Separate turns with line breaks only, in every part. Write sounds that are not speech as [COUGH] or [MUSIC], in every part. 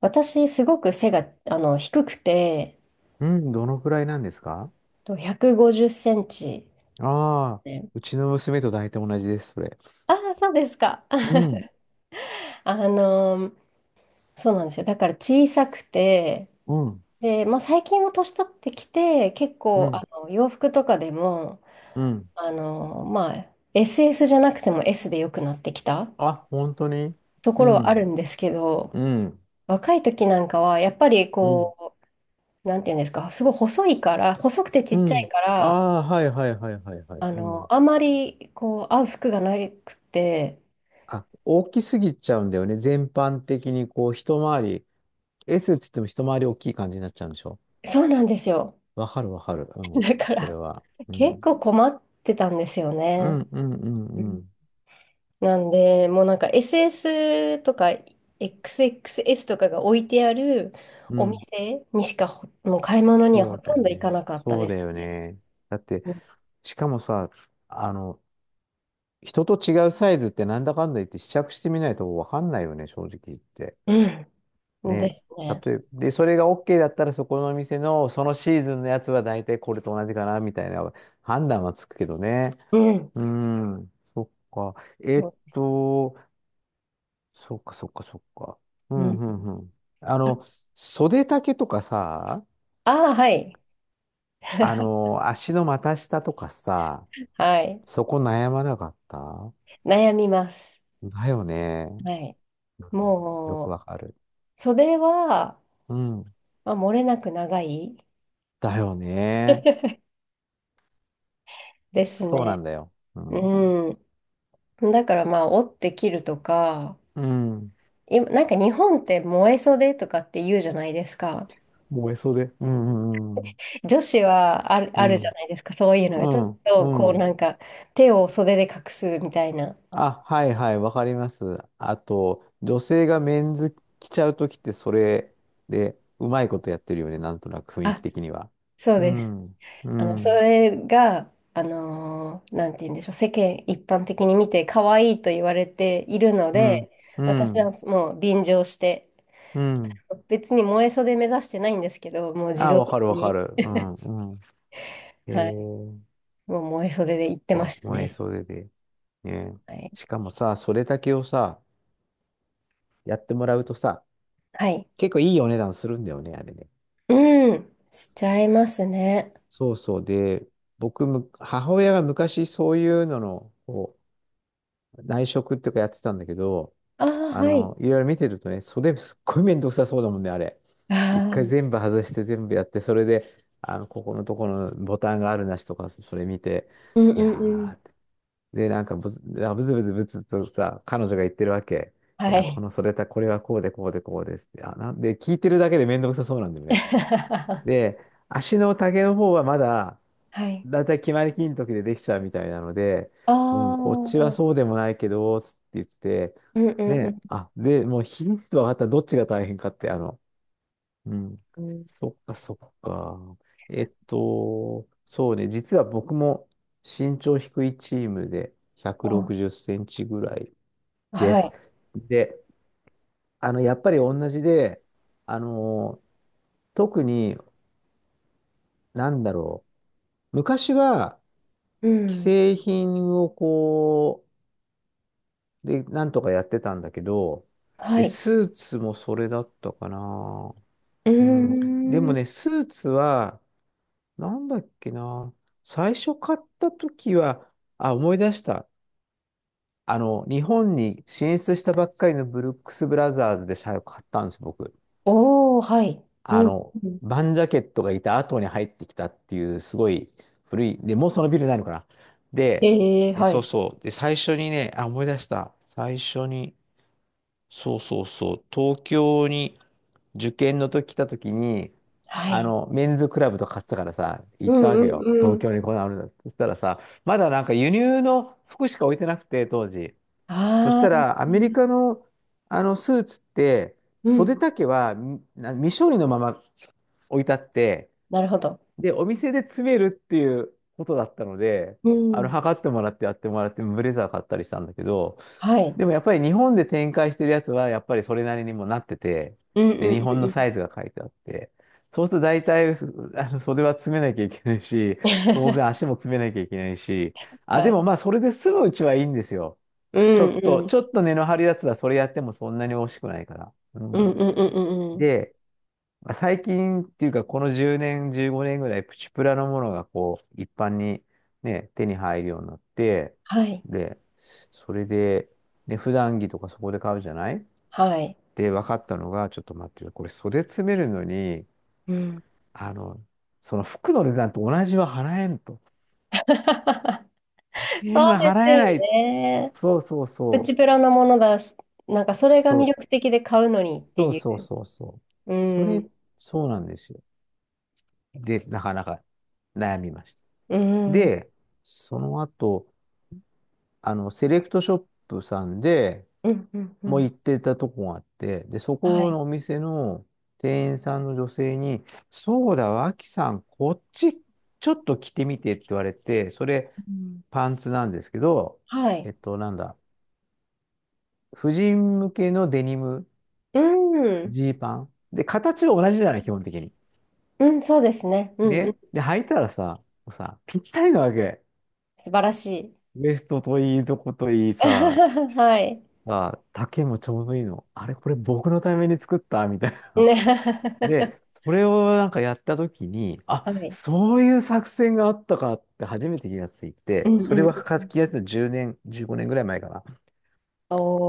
私、すごく背が、低くて、
うん、どのくらいなんですか？
と150センチ
ああ
で。
ー、うちの娘と大体同じです、それ。
ああ、そうですか。
う
[LAUGHS]
ん、
あのーそうなんですよ。だから小さくて、
うん、
で、まあ、最近も年取ってきて、結
う
構、
ん、
洋服とかでも、
うん。
まあ、SS じゃなくても S で良くなってきた
あ、本当に？
とこ
う
ろはある
ん、
んですけど、
うん、
若い時なんかは、やっぱり
うん、
こう、なんていうんですか、すごい細いから、細くてち
う
っちゃい
ん。
から、
ああ、はいはいはいはいはい。うん。
あまりこう合う服がなくて、
あ、大きすぎちゃうんだよね。全般的にこう、一回り、S っつっても一回り大きい感じになっちゃうんでしょ？
そうなんですよ。
わかるわかる。う
[LAUGHS]
ん、
だか
それ
ら
は。う
結
ん、
構困ってたんですよ
う
ね。
ん、うん、うん、
う
う
ん。
ん。
なんで、もうなんか SS とか XXS とかが置いてある
う
お
ん、
店にしか、ほ、もう買い物には
そ
ほ
う
と
だよ
んど行
ね。
かなかった
そう
で
だ
す
よ
ね。
ね。だって、
う
しかもさ、あの、人と違うサイズってなんだかんだ言って試着してみないとわかんないよね、正直言って。
んうん。
ね。
ですね。
例えば、で、それが OK だったらそこのお店のそのシーズンのやつは大体これと同じかな、みたいな判断はつくけどね。
うん。
うーん。そっか。
そうです。
そっかそっかそっか。う
う
ん
ん。
うんうん。あ
あ、
の、袖丈とかさ、
あー、はい。
足の股下とかさ、
はい。
そこ悩まなかった
悩みます。
だよね。
はい。
うんよ
も
く
う、
わかる。
袖は、
うん。
まあ、漏れなく長い
だよね。
[LAUGHS] です
そうな
ね。
んだよ。うん。
うん。だからまあ、折って切るとか、
うん。
今、なんか日本って燃え袖とかって言うじゃないですか。
燃えそうで。うんうん
女子はある、
う
あるじゃ
ん。
ないですか。そういうのが。
う
ちょっ
ん。う
と
ん。
こ
う
う
ん。
なんか手を袖で隠すみたいな。
あ、はいはい、わかります。あと、女性がメンズ着ちゃうときってそれでうまいことやってるよね。なんとなく雰囲気
あ、
的には。
そう
う
です。
ん。う
そ
ん。
れが、なんて言うんでしょう。世間一般的に見て可愛いと言われているの
う
で、
ん。う
私は
ん。
もう便乗して、
うん。
別に萌え袖目指してないんですけど、もう自
あ、
動
わ
的
かるわか
に、
る。うん。うん。え
はい、
ー、
もう萌え袖で行ってま
こ
し
う
た
燃え
ね。
そうでで。ね。
はい。
しかもさ、それだけをさ、やってもらうとさ、
はい。
結構いいお値段するんだよね、あれね。
うん、しちゃいますね。
そうそう。で、僕む、母親が昔そういうのの、内職っていうかやってたんだけど、
ああ、はい。
いろいろ見てるとね、袖すっごい面倒くさそうだもんね、あれ。
あ
一回
あ、
全部外して全部やって、それで、ここのところのボタンがあるなしとか、それ見て、
うんうん
い
うん。
やー、で、なんかブズ、あブツブツブツとさ、彼女が言ってるわけ。い
は
や、こ
い。
の袖た、これはこうでこうでこうですって。あ、なんで、聞いてるだけで面倒くさそうなんだよね。
[LAUGHS]
で、足の丈の方はまだ、
はい。
だいたい決まりきりの時でできちゃうみたいなので、
あ
う
あ、
ん、こっち
う
は
ん
そうでもないけど、つって言って、
う
ね、
ん
あ、で、もう日に分かったらどっちが大変かって、うん、
うん。
そっかそっか。そうね、実は僕も身長低いチームで160
あ、
センチぐらいで
は
す。
い。
で、やっぱり同じで、あの、特に、なんだろう。昔は、
う
既
ん。
製品をで、なんとかやってたんだけど、
は
で、
い。
スーツもそれだったかな。
う
うん。で
ー
も
ん。
ね、スーツは、なんだっけな。最初買った時は、あ、思い出した。日本に進出したばっかりのブルックス・ブラザーズで最後買ったんです、僕。
おお、はい。うん。
バンジャケットがいた後に入ってきたっていう、すごい古い、で、もうそのビルないのかな。で、
ええ、
で、
は
そう
い。
そう。で、最初にね、あ、思い出した。最初に、そうそうそう、東京に受験の時来た時に、
はい。
メンズクラブとか買ってたからさ、
う
行ったわ
んう
けよ。
んう
東
ん。
京にこんなのあるんだって。そしたらさ、まだなんか輸入の服しか置いてなくて、当時。そし
あ
た
あ、
ら、アメリカの、あのスーツって、
う
袖
ん。
丈はみな未処理のまま置いてあって、
なるほど。
で、お店で詰めるっていうことだったので、
うん。
測ってもらってやってもらって、ブレザー買ったりしたんだけど、
はい。
でもやっぱり日本で展開してるやつは、やっぱりそれなりにもなってて、
うん
で、
う
日
んうん
本
う
の
ん。
サイズが書いてあって、そうすると大体、すあの、袖は詰めなきゃいけないし、当
[LAUGHS]
然足も詰めなきゃいけないし、あ、
は
で
い。
もまあ、それで済むうちはいいんですよ。
う
ちょ
ん
っと、
うん
ちょっと根の張るやつはそれやってもそんなに惜しくないから。う
うん
ん。
うんうんうんうん。
で、まあ最近っていうか、この10年、15年ぐらい、プチプラのものが一般にね、手に入るようになって、
はい。
で、それで、普段着とかそこで買うじゃない
はい。
で、分かったのが、ちょっと待ってよ、これ袖詰めるのに、
うん。
あの、その服の値段と同じは払えんと。
[LAUGHS]
1
そ
0
う
は
で
払
す
えな
よ
い。
ね。
そうそう
プチ
そ
プラなものだし、なんかそれ
う。
が
そ
魅
う、
力的で買うのにって
そう
い
そう
う。
そうそう。
う
それ、
ん。
そうなんですよ。で、なかなか悩みました。
うん。うん
で、その後、セレクトショップさんで
うんう
もう
ん。
行ってたとこがあって、で、そ
は
こ
い。
のお店の店員さんの女性に、そうだ、脇さん、こっちちょっと着てみてって言われて、それ、
うん。
パンツなんですけど、
はい。
なんだ、婦人向けのデニム、
うん。
ジーパン。で、形は同じじゃない、基本的に。
うん、そうですね。うんうん。
で、履いたらさ、ぴったりなわけ。
素晴らし
ウエストといいとこといい
い。
さ、
[LAUGHS] はい。
あ、丈もちょうどいいの。あれ、これ僕のために作ったみたいな。
ね。
で、
[LAUGHS]
それをなんかやった時に、あ、
はい。
そういう作戦があったかって初めて気がつい
う
て、
んう
それ
ん
は
う
書
ん。
き出した10年、15年ぐらい前かな。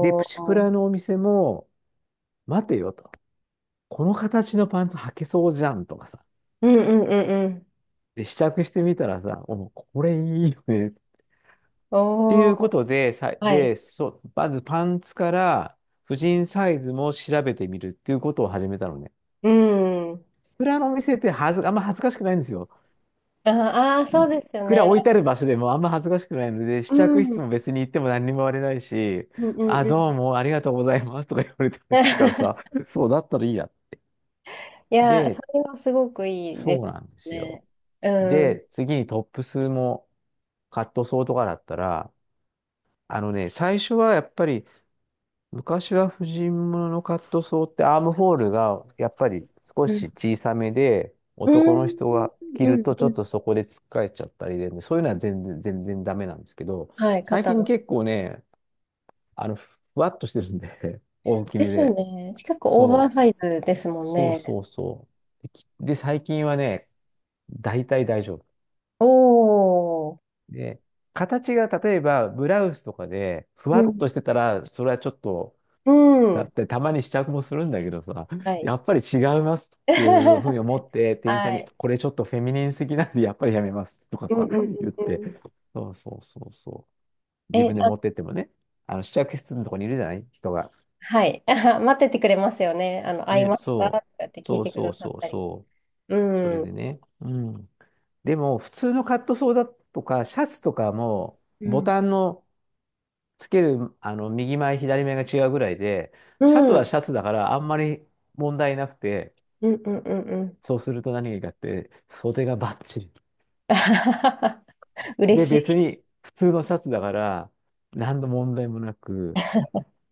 で、プチプラ
お。
のお店も、待てよと。この形のパンツ履けそうじゃんとかさ。
うんうんうんうん。
で、試着してみたらさ、お、これいいよね。って
お
い
ー、
うことで、さ、
はい。
で、そう、まずパンツから、婦人サイズも調べてみるっていうことを始めたのね。
うん。
蔵のお店ってはず、あんま恥ずかしくないんですよ。
ああー、そうですよ
蔵
ね。
置いてある場所でもあんま恥ずかしくないので、試
う
着
ん。う
室
ん
も別に行っても何にも言われないし、
うん
あ、
う
ど
ん。
うもありがとうございますとか言われてるからさ、
[LAUGHS]
そうだったらいいや。
いや、そ
で、
れはすごくいいで
そうなんで
す
すよ。
ね。うん。
で、次にトップスもカットソーとかだったら、最初はやっぱり昔は婦人物のカットソーってアームホールがやっぱり少
う
し
ん。
小さめで
う
男の
ん
人が着
う
る
ん
とちょ
う
っ
ん。
とそこでつっかえちゃったりで、そういうのは全然、全然ダメなんですけど、
はい、
最
肩
近
の。
結構ね、ふわっとしてるんで [LAUGHS] 大き
で
め
すよ
で。
ね。近くオーバー
そ
サイズですも
う、
ん
そう
ね。
そうそう。で、最近はね、大体大丈夫。
おー。
で、形が例えばブラウスとかでふ
う
わっ
ん。
としてたら、それはちょっと
う
だっ
ん。
てたまに試着もするんだけどさ、
は
[LAUGHS]
い。
やっぱり違いますっていうふうに
[LAUGHS]
思って、店員さん
は
に、
い。
これちょっとフェミニンすぎなんで、やっぱりやめますとか
うんう
さ、
んうん
[LAUGHS] 言って。
うん。
そうそうそうそう。自
え、
分で持ってってもね、あの試着室のとこにいるじゃない人が。
はい。[LAUGHS] 待っててくれますよね。会い
ね、
ますかと
そ
かって
う。
聞い
そう
てく
そ
だ
う
さ
そ
っ
う
たり。
そ
う
う。それ
ん。う
でね。うん。でも、普通のカットソーだとか、シャツとかも、ボ
ん。
タンのつける、右前、左前が違うぐらいで、
う
シャツ
んう
は
ん
シャツだから、あんまり問題なくて、
うんうんうん。
そうすると何がいいかって、袖がバッチリ。
[LAUGHS] 嬉
で、別
し
に普通のシャツだから、何の問題もなく、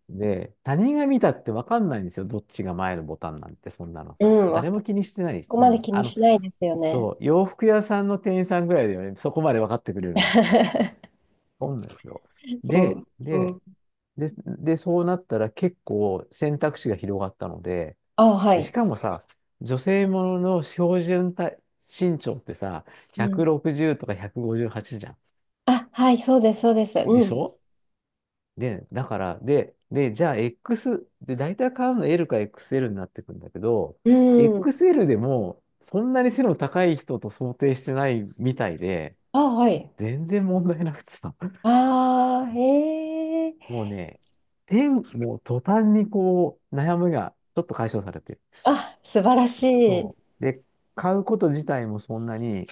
で、他人が見たって分かんないんですよ。どっちが前のボタンなんて、そんなの
い。う
さ。
ん。わ、
誰
こ
も気にしてない。
こ
う
ま
ん。
で気にしないですよね。
そう、洋服屋さんの店員さんぐらいだよね。そこまで分かってくれるの。
[LAUGHS]
そうなんですよ。
う
で、
ん。う
で、
ん。
で、そうなったら結構選択肢が広がったので、
あ、は
で、し
い。
かもさ、女性ものの標準体身長ってさ、
うん。
160とか158じゅうはちじゃん。
あ、はい、そうです、そうです。
で
う
し
ん。
ょ？で、だから、で、じゃあ で、大体買うの L か XL になってくんだけど、
うん。
XL でも、そんなに背の高い人と想定してないみたいで、
あ、はい。
全然問題なくてさ、[LAUGHS]
ああ、へえ。
もうね、もう途端に悩みがちょっと解消されてる。
あ、素晴らしい。
そう。で、買うこと自体もそんなに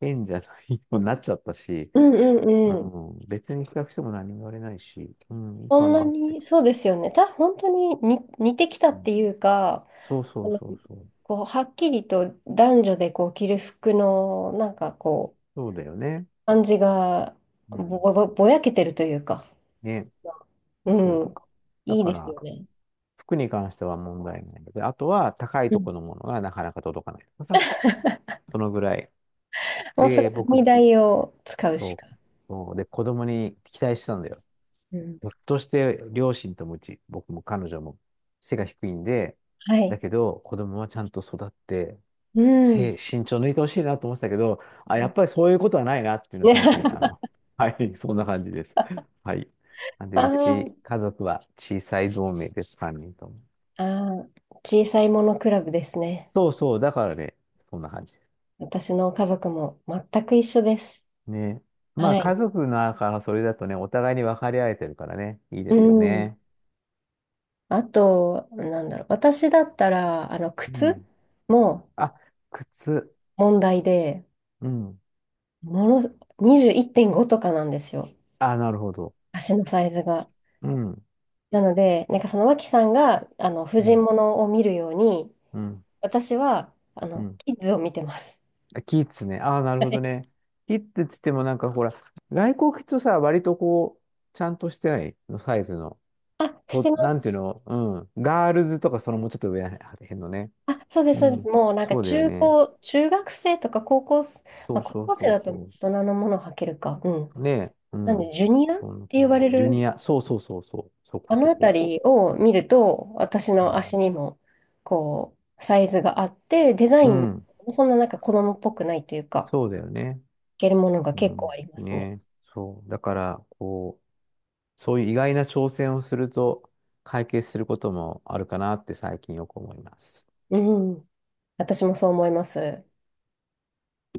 変じゃないようになっちゃったし、
うんう
う
んうん。
ん、別に比較しても何も言われないし、うん、いい
そ
か
んな
なって。
に、そうですよね。た、本当にに似てきた
う
っ
ん、
ていうか、
そうそ
あ
う
の、
そうそう。
こう、はっきりと男女でこう着る服の、なんかこう、
そうだよね。
感じが
うん。
ぼ、ぼ、ぼやけてるというか、
ね、
う
そう
ん、
か。だ
いい
か
です
ら、
よね。
服に関しては問題ないので、あとは高い
う
と
ん。
このものがなかなか届かないとかさ、そのぐらい。
もうその
で、
踏み
僕、
台を使うし
そ
か。
う、そうで、子供に期待してたんだよ。
うん。
ひょっとして両親ともうち、僕も彼女も背が低いんで、
は
だ
い。
けど子供はちゃんと育って、
うん。
[LAUGHS] 慎重抜いてほしいなと思ってたけど、あ、やっぱりそういうことはないなっていうのは
ね、
最近、
[LAUGHS]
[LAUGHS] はい、そんな感じです。はい。なんで、
あー、
家族は小さい同盟です、3人とも。
あー、小さいものクラブですね。
そうそう、だからね、そんな感じ。
私の家族も全く一緒です。
ね。まあ、
は
家
い。
族の中らそれだとね、お互いに分かり合えてるからね、いいで
う
すよ
ん。
ね。
あと、なんだろう。私だったら、
う
靴
ん。
も
あ、靴。
問題で、
うん。
もの、21.5とかなんですよ。
あ、なるほど。
足のサイズが。
うん。
なので、なんかその脇さんが、婦
う
人
ん。
物を見るように、
うん。
私は、
うん。
キッズを見てます。
あキッズね。ああ、なる
は
ほど
い。
ね。キッズっつってもなんかほら、外国人とさ、割とちゃんとしてないのサイズの。
あ、して
と、
ま
なん
す。
ていうの、うん。ガールズとかそのもうちょっと上らへんのね。
あ、そうで
う
す、そうです。
ん。
もうなんか
そうだよ
中
ね。
高、中学生とか高校生、
そ
まあ
う
高
そう
校生
そう
だと大
そ
人のものを履けるか。うん。
う。ねえ。う
なんで、
ん。
ジュニアっ
そんな
て呼
感
ば
じ。
れ
ジュニ
る、
ア。そうそうそうそう。そ
あ
こ
の
そ
あた
こ。
りを見ると、私
う
の
ん。
足にも、こう、サイズがあって、デザ
う
イン
ん。
もそんななんか子供っぽくないというか、
そうだよね。
けるものが
う
結構あ
ん。
りま
ね
すね。
え。そう。だから、そういう意外な挑戦をすると解決することもあるかなって最近よく思います。
うん。私もそう思います。